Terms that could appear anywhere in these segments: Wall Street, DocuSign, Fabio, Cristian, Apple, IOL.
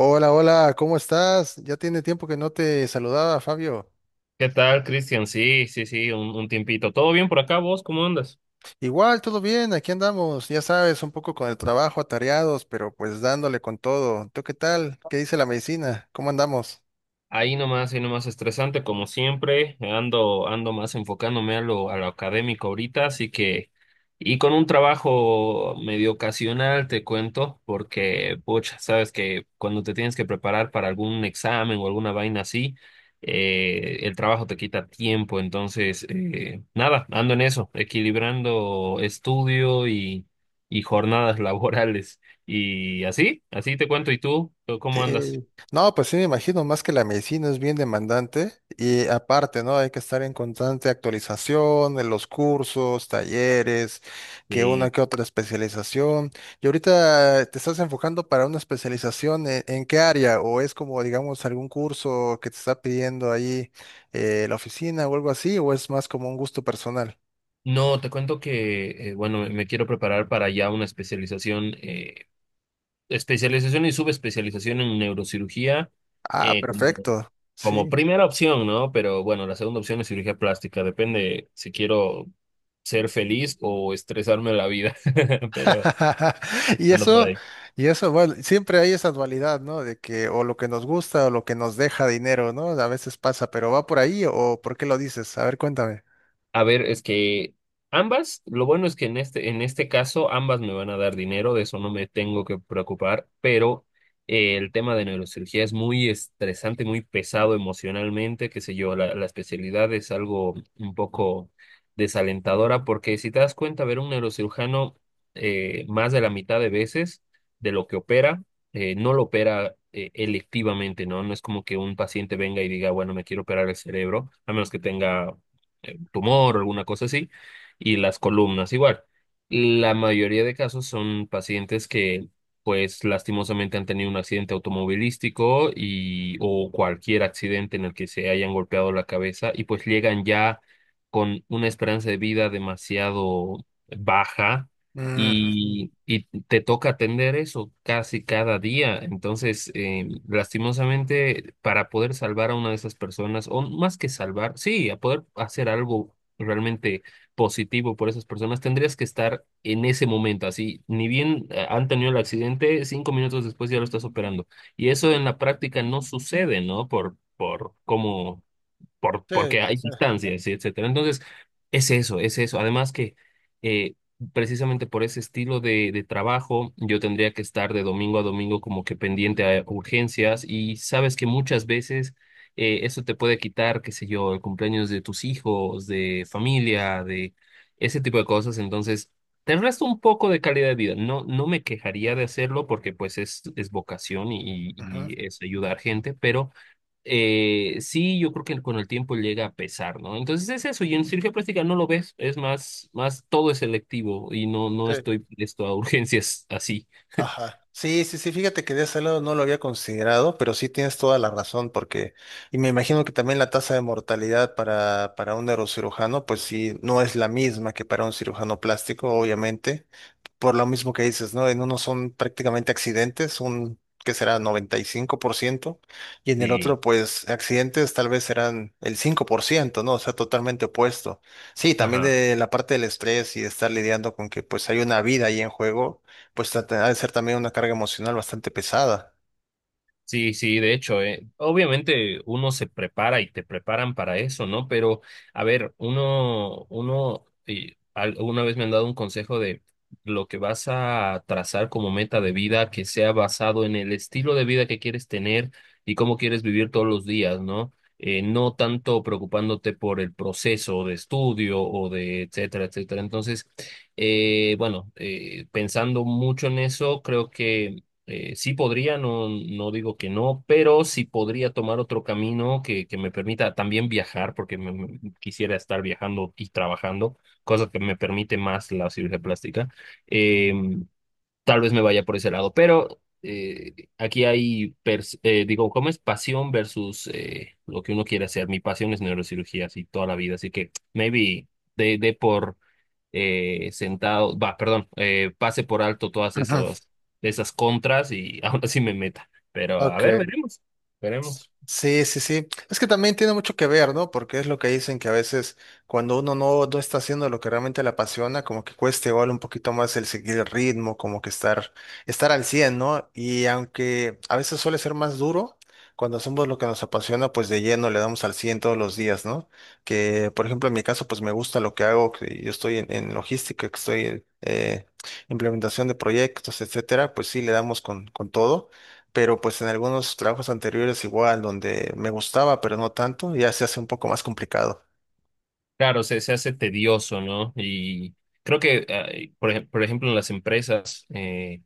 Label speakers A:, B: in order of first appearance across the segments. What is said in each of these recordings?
A: Hola, hola, ¿cómo estás? Ya tiene tiempo que no te saludaba, Fabio.
B: ¿Qué tal, Cristian? Sí, sí, sí, un tiempito. ¿Todo bien por acá, vos? ¿Cómo andas?
A: Igual, todo bien, aquí andamos, ya sabes, un poco con el trabajo, atareados, pero pues dándole con todo. ¿Tú qué tal? ¿Qué dice la medicina? ¿Cómo andamos?
B: Ahí nomás estresante, como siempre, ando más enfocándome a lo académico ahorita, así que, y con un trabajo medio ocasional, te cuento, porque, pucha, sabes que cuando te tienes que preparar para algún examen o alguna vaina así, el trabajo te quita tiempo, entonces, nada, ando en eso, equilibrando estudio y jornadas laborales, y así, así te cuento. ¿Y tú? ¿Cómo andas?
A: Sí. No, pues sí, me imagino, más que la medicina es bien demandante y aparte, ¿no? Hay que estar en constante actualización en los cursos, talleres, que una
B: Sí.
A: que otra especialización. Y ahorita te estás enfocando para una especialización en qué área o es como, digamos, algún curso que te está pidiendo ahí la oficina o algo así, o es más como un gusto personal.
B: No, te cuento que, bueno, me quiero preparar para ya una especialización, especialización y subespecialización en neurocirugía,
A: Ah,
B: eh, como,
A: perfecto.
B: como
A: Sí.
B: primera opción, ¿no? Pero bueno, la segunda opción es cirugía plástica, depende si quiero ser feliz o estresarme la vida, pero
A: Y
B: ando por
A: eso,
B: ahí.
A: y eso, bueno, siempre hay esa dualidad, ¿no? De que o lo que nos gusta o lo que nos deja dinero, ¿no? A veces pasa, pero ¿va por ahí o por qué lo dices? A ver, cuéntame.
B: A ver, es que ambas, lo bueno es que en este caso ambas me van a dar dinero, de eso no me tengo que preocupar, pero el tema de neurocirugía es muy estresante, muy pesado emocionalmente, qué sé yo, la especialidad es algo un poco desalentadora, porque si te das cuenta, ver un neurocirujano más de la mitad de veces de lo que opera, no lo opera electivamente, ¿no? No es como que un paciente venga y diga, bueno, me quiero operar el cerebro, a menos que tenga tumor o alguna cosa así, y las columnas igual. La mayoría de casos son pacientes que, pues, lastimosamente han tenido un accidente automovilístico y, o cualquier accidente en el que se hayan golpeado la cabeza y pues llegan ya con una esperanza de vida demasiado baja
A: Mm, ujú.
B: y te toca atender eso casi cada día. Entonces, lastimosamente, para poder salvar a una de esas personas, o más que salvar, sí, a poder hacer algo realmente positivo por esas personas, tendrías que estar en ese momento, así, ni bien han tenido el accidente, cinco minutos después ya lo estás operando. Y eso en la práctica no sucede, ¿no? Por cómo
A: Sí,
B: porque
A: sí,
B: hay
A: sí.
B: distancias, y etcétera. Entonces, es eso, es eso. Además que eh, precisamente por ese estilo de trabajo, yo tendría que estar de domingo a domingo como que pendiente a urgencias y sabes que muchas veces eso te puede quitar, qué sé yo, el cumpleaños de tus hijos, de familia, de ese tipo de cosas. Entonces, te resta un poco de calidad de vida. No, no me quejaría de hacerlo porque pues es vocación y,
A: Ujú,
B: y es ayudar gente, pero sí, yo creo que con el tiempo llega a pesar, ¿no? Entonces es eso, y en cirugía plástica no lo ves, es más, más todo es selectivo y no, no
A: sí.
B: estoy listo a urgencias así.
A: Ajá. Sí, sí, sí, fíjate que de ese lado no lo había considerado, pero sí tienes toda la razón, porque, y me imagino que también la tasa de mortalidad para un neurocirujano, pues sí, no es la misma que para un cirujano plástico, obviamente. Por lo mismo que dices, ¿no? En uno son prácticamente accidentes, un que será 95%, y 5%, y en el
B: Y,
A: otro, pues accidentes tal vez serán el 5%, ¿no? O sea, totalmente opuesto. Sí, también
B: ajá.
A: de la parte del estrés y de estar lidiando con que pues hay una vida ahí en juego, pues trata- ha de ser también una carga emocional bastante pesada.
B: Sí, sí, de hecho, obviamente uno se prepara y te preparan para eso, ¿no? Pero, a ver, una vez me han dado un consejo de lo que vas a trazar como meta de vida, que sea basado en el estilo de vida que quieres tener y cómo quieres vivir todos los días, ¿no? No tanto preocupándote por el proceso de estudio o de etcétera, etcétera. Entonces, bueno, pensando mucho en eso, creo que sí podría, no, no digo que no, pero sí podría tomar otro camino que me permita también viajar, porque quisiera estar viajando y trabajando, cosa que me permite más la cirugía plástica. Eh, tal vez me vaya por ese lado, pero digo, ¿cómo es pasión versus lo que uno quiere hacer? Mi pasión es neurocirugía, así toda la vida, así que maybe de por sentado, va, perdón, pase por alto todas
A: Ujú,
B: esos, esas contras y aún así me meta. Pero a ver,
A: ok.
B: veremos, veremos.
A: Sí, sí, sí. Es que también tiene mucho que ver, ¿no? Porque es lo que dicen que a veces cuando uno no está haciendo lo que realmente le apasiona, como que cuesta igual un poquito más el seguir el ritmo, como que estar, estar al 100, ¿no? Y aunque a veces suele ser más duro, cuando hacemos lo que nos apasiona, pues de lleno le damos al 100 todos los días, ¿no? Que, por ejemplo, en mi caso, pues me gusta lo que hago, que yo estoy en logística, que estoy... implementación de proyectos, etcétera, pues sí, le damos con todo, pero pues en algunos trabajos anteriores igual, donde me gustaba, pero no tanto, ya se hace un poco más complicado.
B: Claro, se hace tedioso, ¿no? Y creo que, por ejemplo, en las empresas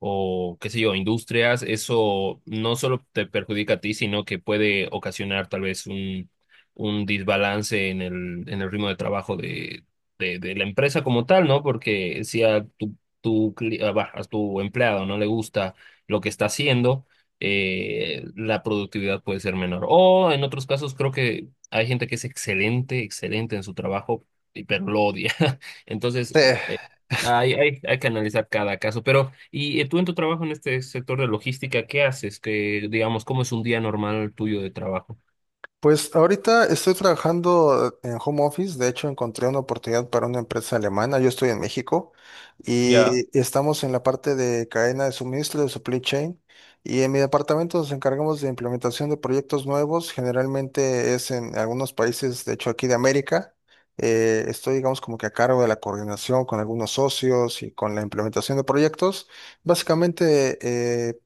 B: o, qué sé yo, industrias, eso no solo te perjudica a ti, sino que puede ocasionar tal vez un desbalance en el ritmo de trabajo de la empresa como tal, ¿no? Porque si a tu, tu, cli- a va, a tu empleado no le gusta lo que está haciendo, la productividad puede ser menor. O en otros casos creo que hay gente que es excelente, excelente en su trabajo, pero lo odia. Entonces, eh, hay que analizar cada caso. Pero, ¿y tú en tu trabajo en este sector de logística, qué haces? Que, digamos, ¿cómo es un día normal tuyo de trabajo?
A: Pues ahorita estoy trabajando en home office, de hecho encontré una oportunidad para una empresa alemana, yo estoy en México
B: Ya.
A: y estamos en la parte de cadena de suministro, de supply chain, y en mi departamento nos encargamos de implementación de proyectos nuevos, generalmente es en algunos países, de hecho aquí de América. Estoy digamos como que a cargo de la coordinación con algunos socios y con la implementación de proyectos. Básicamente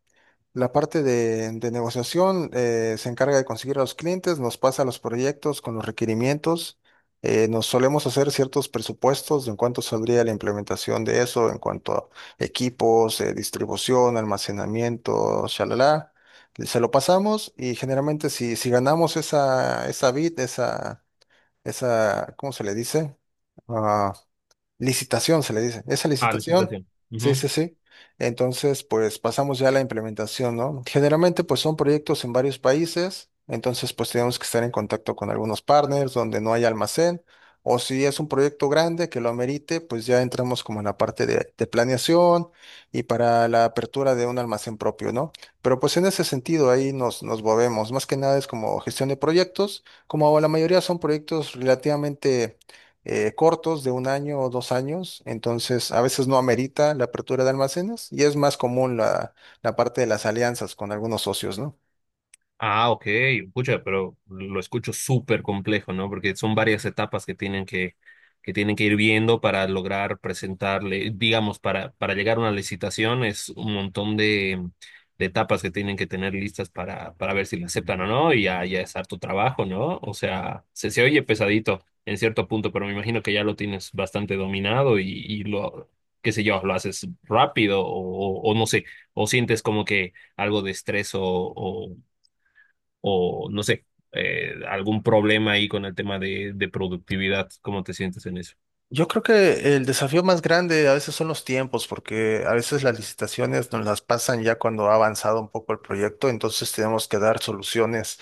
A: la parte de negociación se encarga de conseguir a los clientes, nos pasa los proyectos con los requerimientos, nos solemos hacer ciertos presupuestos de en cuánto saldría la implementación de eso, en cuanto a equipos, distribución, almacenamiento, shalala. Se lo pasamos y generalmente si ganamos esa, esa bid, esa, ¿cómo se le dice? Ah, licitación se le dice. Esa
B: Ah, la
A: licitación,
B: situación.
A: sí, sí, sí. Entonces, pues pasamos ya a la implementación, ¿no? Generalmente, pues son proyectos en varios países, entonces, pues tenemos que estar en contacto con algunos partners donde no hay almacén, o si es un proyecto grande que lo amerite, pues ya entramos como en la parte de planeación y para la apertura de un almacén propio, ¿no? Pero pues en ese sentido ahí nos movemos. Más que nada es como gestión de proyectos, como la mayoría son proyectos relativamente cortos de 1 año o 2 años, entonces a veces no amerita la apertura de almacenes y es más común la, la parte de las alianzas con algunos socios, ¿no?
B: Ah, ok, pucha, pero lo escucho súper complejo, ¿no? Porque son varias etapas que tienen que ir viendo para lograr presentarle, digamos, para llegar a una licitación es un montón de etapas que tienen que tener listas para ver si la aceptan o no, y ya, ya es harto trabajo, ¿no? O sea, se oye pesadito en cierto punto, pero me imagino que ya lo tienes bastante dominado y lo, qué sé yo, lo haces rápido o, o no sé, o sientes como que algo de estrés o no sé, algún problema ahí con el tema de productividad. ¿Cómo te sientes en eso?
A: Yo creo que el desafío más grande a veces son los tiempos, porque a veces las licitaciones nos las pasan ya cuando ha avanzado un poco el proyecto, entonces tenemos que dar soluciones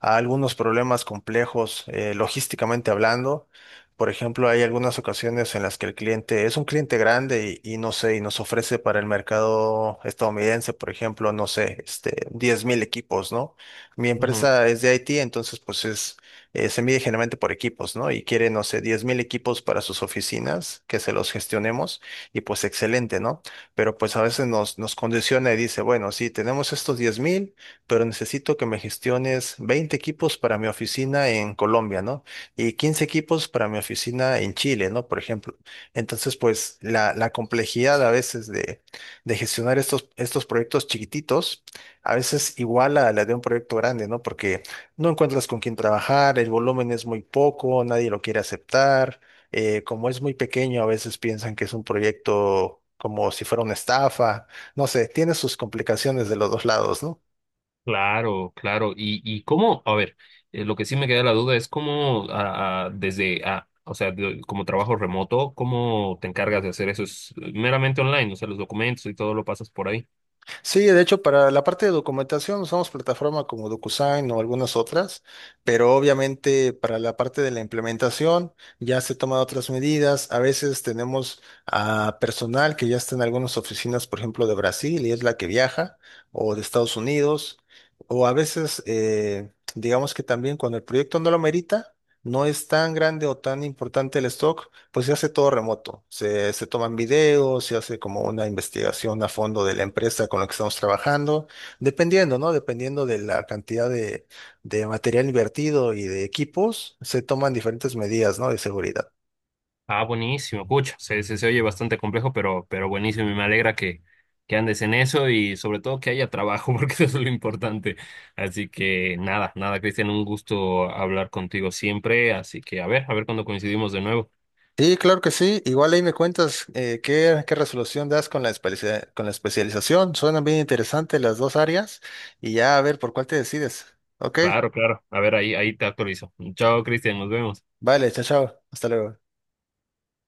A: a algunos problemas complejos logísticamente hablando. Por ejemplo, hay algunas ocasiones en las que el cliente es un cliente grande y no sé, y nos ofrece para el mercado estadounidense, por ejemplo, no sé, este, 10.000 equipos, ¿no? Mi
B: Ujú.
A: empresa es de IT, entonces pues es, se mide generalmente por equipos, ¿no? Y quiere, no sé, 10.000 equipos para sus oficinas, que se los gestionemos, y pues excelente, ¿no? Pero pues a veces nos condiciona y dice, bueno, sí, tenemos estos 10.000, pero necesito que me gestiones 20 equipos para mi oficina en Colombia, ¿no? Y 15 equipos para mi oficina en Chile, ¿no? Por ejemplo. Entonces, pues la complejidad a veces de gestionar estos, estos proyectos chiquititos, a veces igual a la de un proyecto grande, ¿no? Porque no encuentras con quién trabajar, el volumen es muy poco, nadie lo quiere aceptar. Eh, como es muy pequeño, a veces piensan que es un proyecto como si fuera una estafa. No sé, tiene sus complicaciones de los dos lados, ¿no?
B: Claro, claro. Y cómo, a ver, lo que sí me queda la duda es cómo, ah, ah, desde, ah, o sea, como trabajo remoto, ¿cómo te encargas de hacer eso? ¿Es meramente online? O sea, los documentos y todo lo pasas por ahí.
A: Sí, de hecho, para la parte de documentación usamos plataformas como DocuSign o algunas otras, pero obviamente para la parte de la implementación ya se toman otras medidas. A veces tenemos a personal que ya está en algunas oficinas, por ejemplo, de Brasil y es la que viaja, o de Estados Unidos, o a veces, digamos que también cuando el proyecto no lo merita, no es tan grande o tan importante el stock. Pues se hace todo remoto, se toman videos, se hace como una investigación a fondo de la empresa con la que estamos trabajando, dependiendo, ¿no? Dependiendo de la cantidad de material invertido y de equipos, se toman diferentes medidas, ¿no? De seguridad.
B: Ah, buenísimo, pucha, se, se oye bastante complejo, pero buenísimo y me alegra que andes en eso y sobre todo que haya trabajo, porque eso es lo importante. Así que nada, nada, Cristian, un gusto hablar contigo siempre, así que a ver cuando coincidimos de nuevo.
A: Sí, claro que sí. Igual ahí me cuentas qué, qué resolución das con la especia- con la especialización. Suenan bien interesantes las dos áreas y ya a ver por cuál te decides. Ok,
B: Claro, claro, a ver, ahí, ahí te actualizo. Chao, Cristian, nos vemos.
A: vale, chao, chao. Hasta luego.